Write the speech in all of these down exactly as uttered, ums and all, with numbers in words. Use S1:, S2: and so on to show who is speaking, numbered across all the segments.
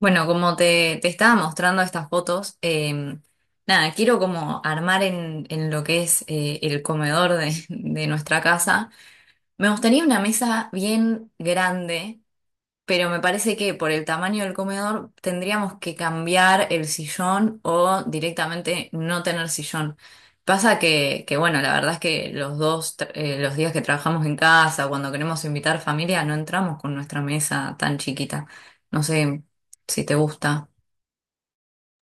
S1: Bueno, como te, te estaba mostrando estas fotos, eh, nada, quiero como armar en, en lo que es eh, el comedor de, de nuestra casa. Me gustaría una mesa bien grande, pero me parece que por el tamaño del comedor tendríamos que cambiar el sillón o directamente no tener sillón. Pasa que, que bueno, la verdad es que los dos, tra- eh, los días que trabajamos en casa, cuando queremos invitar familia, no entramos con nuestra mesa tan chiquita. No sé si te gusta.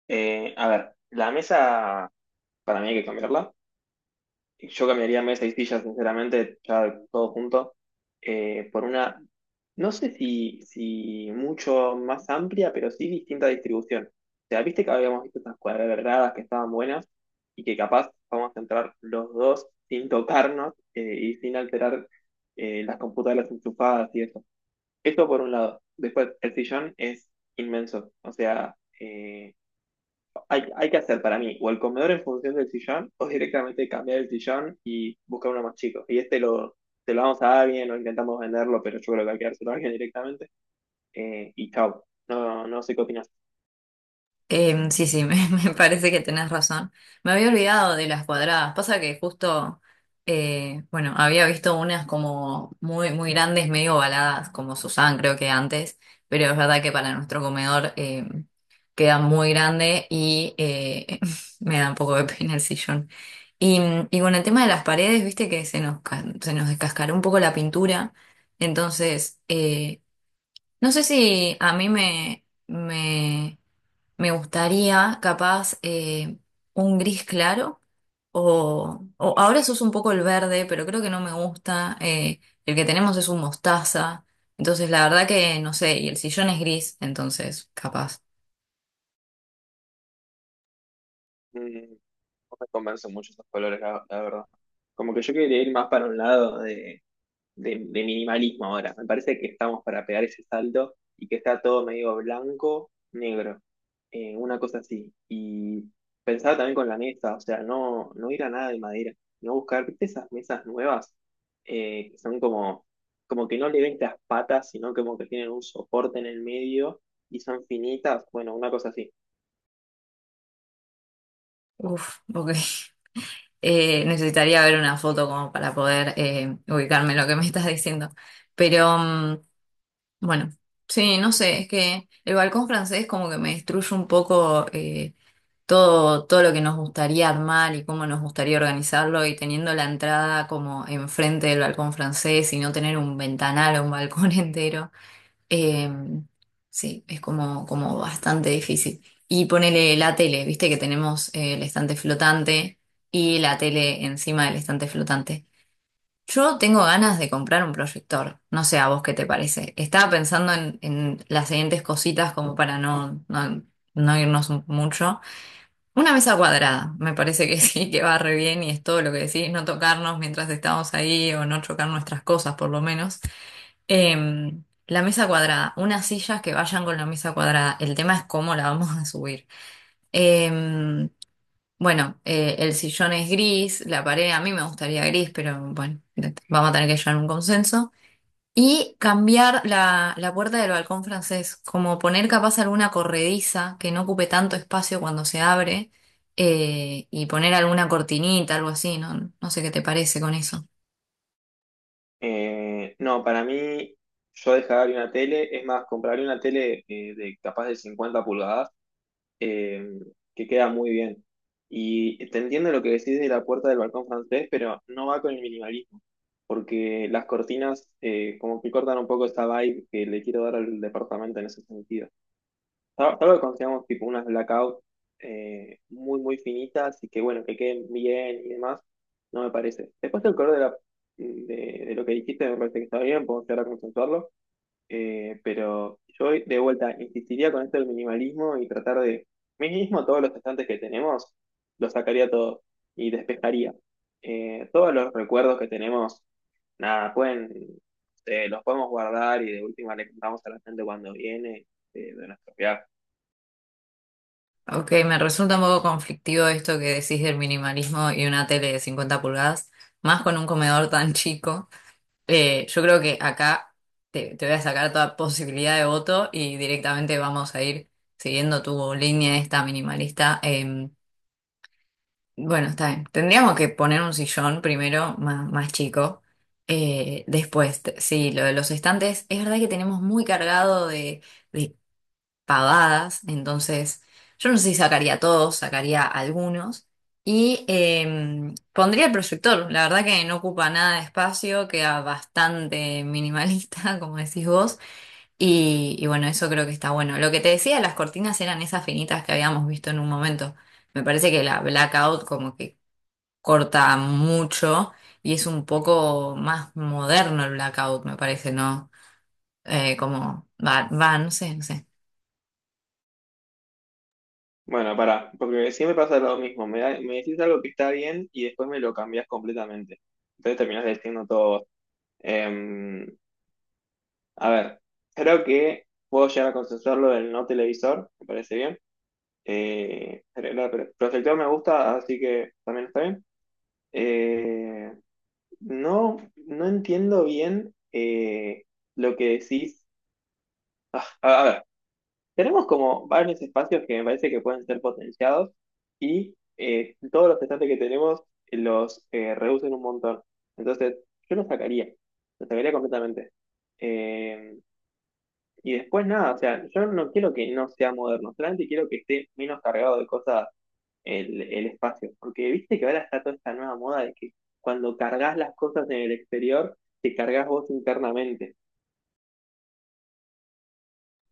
S2: Eh, a ver, la mesa para mí hay que cambiarla. Yo cambiaría mesa y silla, sinceramente, ya todo junto, eh, por una, no sé si, si mucho más amplia, pero sí distinta distribución. O sea, viste que habíamos visto estas cuadradas que estaban buenas y que capaz vamos a entrar los dos sin tocarnos eh, y sin alterar eh, las computadoras enchufadas y eso. Esto por un lado. Después, el sillón es inmenso. O sea, eh, hay, hay que hacer para mí o el comedor en función del sillón o directamente cambiar el sillón y buscar uno más chico. Y este lo, se lo vamos a alguien o intentamos venderlo, pero yo creo que hay que dárselo a alguien directamente. eh, y chao. No, no sé qué opinas.
S1: Em, sí, sí, me, me parece que tenés razón. Me había olvidado de las cuadradas. Pasa que justo, eh, bueno, había visto unas como muy, muy grandes, medio ovaladas, como Susan creo que antes, pero es verdad que para nuestro comedor em, queda muy grande y eh, me da un poco de pena el sillón. Y, y con el tema de las paredes, viste que se nos, ca- se nos descascaró un poco la pintura. Entonces, eh, no sé si a mí me... me me gustaría, capaz, eh, un gris claro o, o ahora se usa un poco el verde, pero creo que no me gusta. Eh, el que tenemos es un mostaza. Entonces, la verdad que no sé, y el sillón es gris, entonces, capaz.
S2: Mm, no me convencen mucho esos colores, la, la verdad. Como que yo quería ir más para un lado de de, de minimalismo ahora. Me parece que estamos para pegar ese salto y que está todo medio blanco, negro, eh, una cosa así. Y pensaba también con la mesa, o sea, no, no ir a nada de madera, no buscar, ¿viste esas mesas nuevas eh, que son como, como que no le ven las patas, sino como que tienen un soporte en el medio y son finitas? Bueno, una cosa así.
S1: Uf, ok. Eh, necesitaría ver una foto como para poder eh, ubicarme en lo que me estás diciendo. Pero, mm, bueno, sí, no sé, es que el balcón francés como que me destruye un poco. Eh, todo, todo lo que nos gustaría armar y cómo nos gustaría organizarlo y teniendo la entrada como enfrente del balcón francés y no tener un ventanal o un balcón entero. Eh, sí, es como, como bastante difícil. Y ponele la tele, viste que tenemos eh, el estante flotante y la tele encima del estante flotante. Yo tengo ganas de comprar un proyector, no sé a vos qué te parece. Estaba pensando en, en las siguientes cositas como para no, no, no irnos mucho. Una mesa cuadrada, me parece que sí, que va re bien y es todo lo que decís, no tocarnos mientras estamos ahí o no chocar nuestras cosas por lo menos. Eh, la mesa cuadrada, unas sillas que vayan con la mesa cuadrada, el tema es cómo la vamos a subir. Eh, bueno, eh, el sillón es gris, la pared a mí me gustaría gris, pero bueno, vamos a tener que llegar a un consenso. Y cambiar la, la puerta del balcón francés, como poner capaz alguna corrediza que no ocupe tanto espacio cuando se abre, eh, y poner alguna cortinita, algo así, ¿no? No sé qué te parece con eso.
S2: Eh, no, para mí, yo dejaría una tele, es más, compraría una tele eh, de capaz de cincuenta pulgadas eh, que queda muy bien. Y te entiendo lo que decís de la puerta del balcón francés, pero no va con el minimalismo, porque las cortinas eh, como que cortan un poco esta vibe que le quiero dar al departamento en ese sentido. Sal- Salvo que consigamos tipo unas blackout eh, muy, muy finitas y que bueno, que queden bien y demás, no me parece. Después el color de, la, de, de lo que dijiste me parece que está bien, podemos llegar a consensuarlo. Eh, pero yo de vuelta insistiría con esto del minimalismo y tratar de, mínimo todos los estantes que tenemos, los sacaría todos y despejaría. Eh, todos los recuerdos que tenemos, nada, pueden, eh, los podemos guardar y de última le contamos a la gente cuando viene eh, de nuestro viaje.
S1: Ok, me resulta un poco conflictivo esto que decís del minimalismo y una tele de cincuenta pulgadas, más con un comedor tan chico. Eh, yo creo que acá te, te voy a sacar toda posibilidad de voto y directamente vamos a ir siguiendo tu línea esta minimalista. em, Bueno, está bien. Tendríamos que poner un sillón primero, más, más chico. Eh, después, t- sí, lo de los estantes, es verdad que tenemos muy cargado de, de pavadas, entonces yo no sé si sacaría todos, sacaría algunos. Y em, pondría el proyector, la verdad que no ocupa nada de espacio, queda bastante minimalista, como decís vos. Y, y bueno, eso creo que está bueno. Lo que te decía, las cortinas eran esas finitas que habíamos visto en un momento. Me parece que la blackout como que corta mucho y es un poco más moderno el blackout, me parece, ¿no? Eh, como va, va, no sé, no sé.
S2: Bueno, pará, porque siempre pasa lo mismo, me, da- me decís algo que está bien y después me lo cambiás completamente. Entonces terminás diciendo todo vos. Em, A ver, creo que puedo llegar a consensuarlo del no televisor, me parece bien. Eh, pero la- pero el proyector me gusta, así que también está bien. Eh, no, no entiendo bien eh, lo que decís. Ah, a a ver, tenemos como varios espacios que me parece que pueden ser potenciados y eh, todos los estantes que tenemos los eh, reducen un montón. Entonces, yo los sacaría, los sacaría completamente. Eh, Y después nada, o sea, yo no quiero que no sea moderno, solamente quiero que esté menos cargado de cosas el, el espacio. Porque viste que ahora está toda esta nueva moda de que cuando cargas las cosas en el exterior, te cargas vos internamente.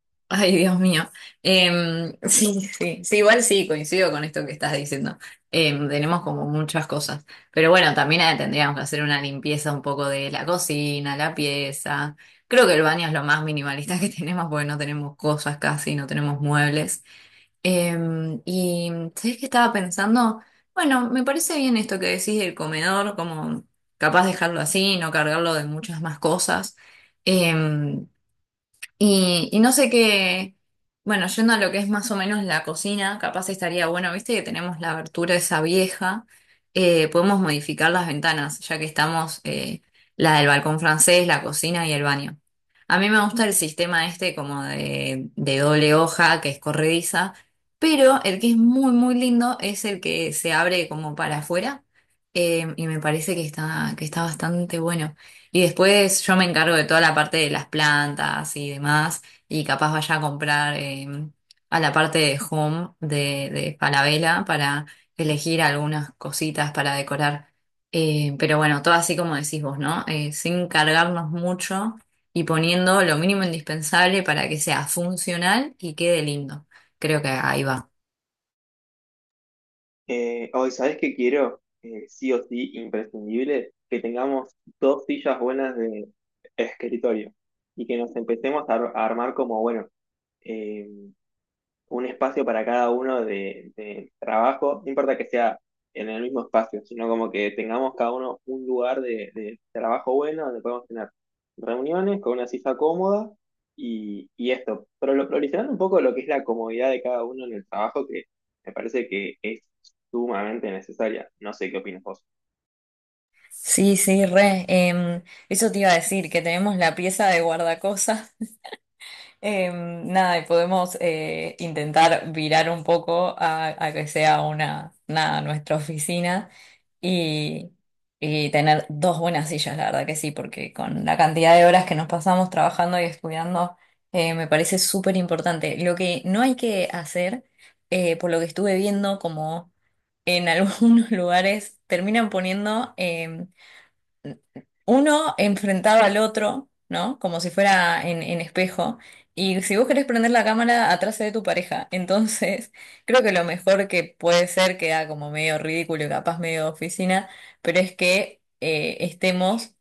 S1: Ay, Dios mío. Em, sí, sí, sí, igual sí, coincido con esto que estás diciendo. Em, tenemos como muchas cosas. Pero bueno, también eh, tendríamos que hacer una limpieza un poco de la cocina, la pieza. Creo que el baño es lo más minimalista que tenemos porque no tenemos cosas casi, no tenemos muebles. Em, y sabés que estaba pensando, bueno, me parece bien esto que decís del comedor, como capaz dejarlo así, no cargarlo de muchas más cosas. Em, y, y no sé qué, bueno, yendo a lo que es más o menos la cocina, capaz estaría bueno, viste que tenemos la abertura esa vieja, eh, podemos modificar las ventanas, ya que estamos eh, la del balcón francés, la cocina y el baño. A mí me gusta el sistema este como de, de doble hoja, que es corrediza, pero el que es muy, muy lindo es el que se abre como para afuera, eh, y me parece que está, que está bastante bueno. Y después yo me encargo de toda la parte de las plantas y demás, y capaz vaya a comprar eh, a la parte de home de, de Falabella para elegir algunas cositas para decorar. Eh, pero bueno, todo así como decís vos, ¿no? Eh, sin cargarnos mucho y poniendo lo mínimo indispensable para que sea funcional y quede lindo. Creo que ahí va.
S2: Eh, hoy, ¿sabés qué quiero? Eh, sí o sí, imprescindible, que tengamos dos sillas buenas de escritorio y que nos empecemos a, ar- a armar como, bueno, eh, un espacio para cada uno de, de trabajo, no importa que sea en el mismo espacio, sino como que tengamos cada uno un lugar de, de trabajo bueno donde podemos tener reuniones con una silla cómoda y, y esto, pero lo priorizando un poco lo que es la comodidad de cada uno en el trabajo, que me parece que es sumamente necesaria. No sé qué opinas vos.
S1: Sí, sí, re. Em, eso te iba a decir, que tenemos la pieza de guardacosas. Eh, nada, y podemos eh, intentar virar un poco a, a que sea una, nada, nuestra oficina y, y tener dos buenas sillas, la verdad que sí, porque con la cantidad de horas que nos pasamos trabajando y estudiando, eh, me parece súper importante. Lo que no hay que hacer, eh, por lo que estuve viendo, como en algunos lugares terminan poniendo em, uno enfrentaba al otro, ¿no? Como si fuera en, en espejo. Y si vos querés prender la cámara, atrás se ve tu pareja. Entonces, creo que lo mejor que puede ser, queda como medio ridículo y capaz medio de oficina, pero es que eh, estemos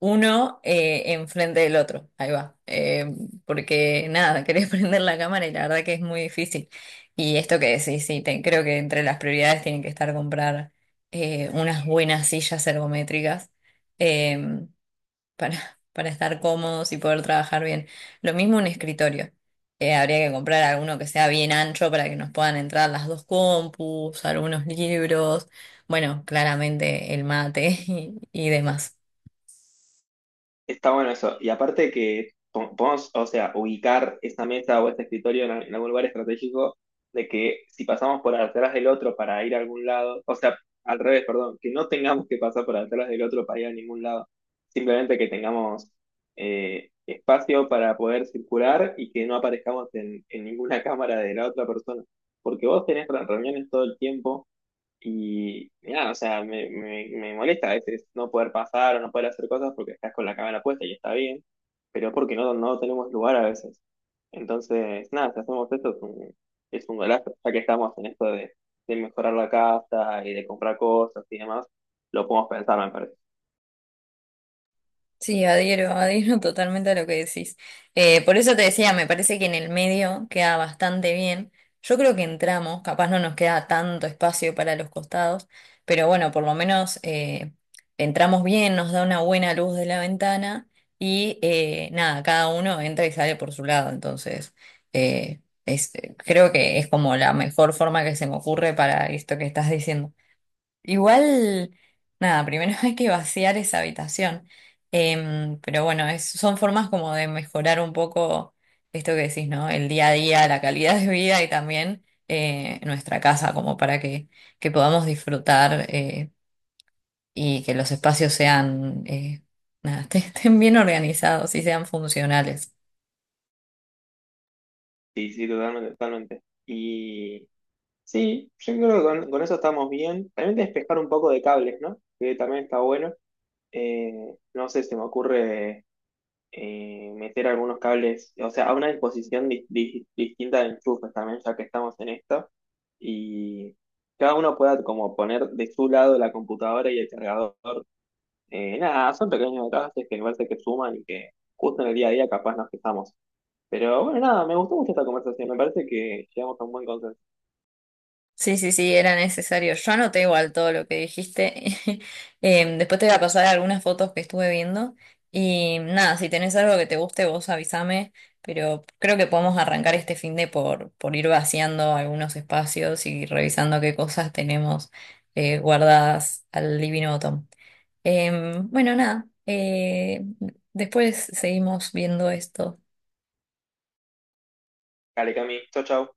S1: uno eh, enfrente del otro. Ahí va. Eh, porque nada, querés prender la cámara y la verdad que es muy difícil. Y esto que decís, sí, te- creo que entre las prioridades tienen que estar comprar eh, unas buenas sillas ergométricas. Em, para, para estar cómodos y poder trabajar bien. Lo mismo un escritorio. Eh, habría que comprar alguno que sea bien ancho para que nos puedan entrar las dos compus, algunos libros, bueno, claramente el mate y, y demás.
S2: Está bueno eso. Y aparte que po- podemos, o sea, ubicar esa mesa o ese escritorio en, en algún lugar estratégico de que si pasamos por atrás del otro para ir a algún lado, o sea, al revés, perdón, que no tengamos que pasar por atrás del otro para ir a ningún lado. Simplemente que tengamos eh, espacio para poder circular y que no aparezcamos en, en ninguna cámara de la otra persona. Porque vos tenés re- reuniones todo el tiempo y nada, o sea, me, me, me molesta a veces no poder pasar o no poder hacer cosas porque estás con la cámara puesta y está bien, pero porque no, no tenemos lugar a veces. Entonces, nada, si hacemos esto es un, es un golazo, ya que estamos en esto de, de mejorar la casa y de comprar cosas y demás, lo podemos pensar, me parece.
S1: Sí, adhiero, adhiero totalmente a lo que decís. Eh, por eso te decía, me parece que en el medio queda bastante bien. Yo creo que entramos, capaz no nos queda tanto espacio para los costados, pero bueno, por lo menos eh, entramos bien, nos da una buena luz de la ventana y eh, nada, cada uno entra y sale por su lado. Entonces, eh, es- creo que es como la mejor forma que se me ocurre para esto que estás diciendo. Igual, nada, primero hay que vaciar esa habitación. Em, pero bueno, es- son formas como de mejorar un poco esto que decís, ¿no? El día a día, la calidad de vida y también eh, nuestra casa, como para que, que podamos disfrutar eh, y que los espacios sean, eh, nada, estén bien organizados y sean funcionales.
S2: Sí, sí, totalmente, totalmente. Y sí, yo creo que con, con eso estamos bien. También despejar un poco de cables, ¿no? Que también está bueno. Eh, no sé, se me ocurre eh, meter algunos cables, o sea, a una disposición di- di- distinta de enchufes también, ya que estamos en esto, y cada uno pueda como poner de su lado la computadora y el cargador. Eh, nada, son pequeños detalles que me parece que suman y que justo en el día a día capaz nos fijamos. Pero bueno, nada, me gustó mucho esta conversación, me parece que llegamos a un buen consenso.
S1: Sí, sí, sí, era necesario. Yo anoté igual todo lo que dijiste. Em, después te voy a pasar algunas fotos que estuve viendo. Y nada, si tenés algo que te guste, vos avísame. Pero creo que podemos arrancar este fin de por, por ir vaciando algunos espacios y revisando qué cosas tenemos eh, guardadas al Divino Botón. Em, bueno, nada. Eh, después seguimos viendo esto.
S2: Dale, Cami, chau, chau.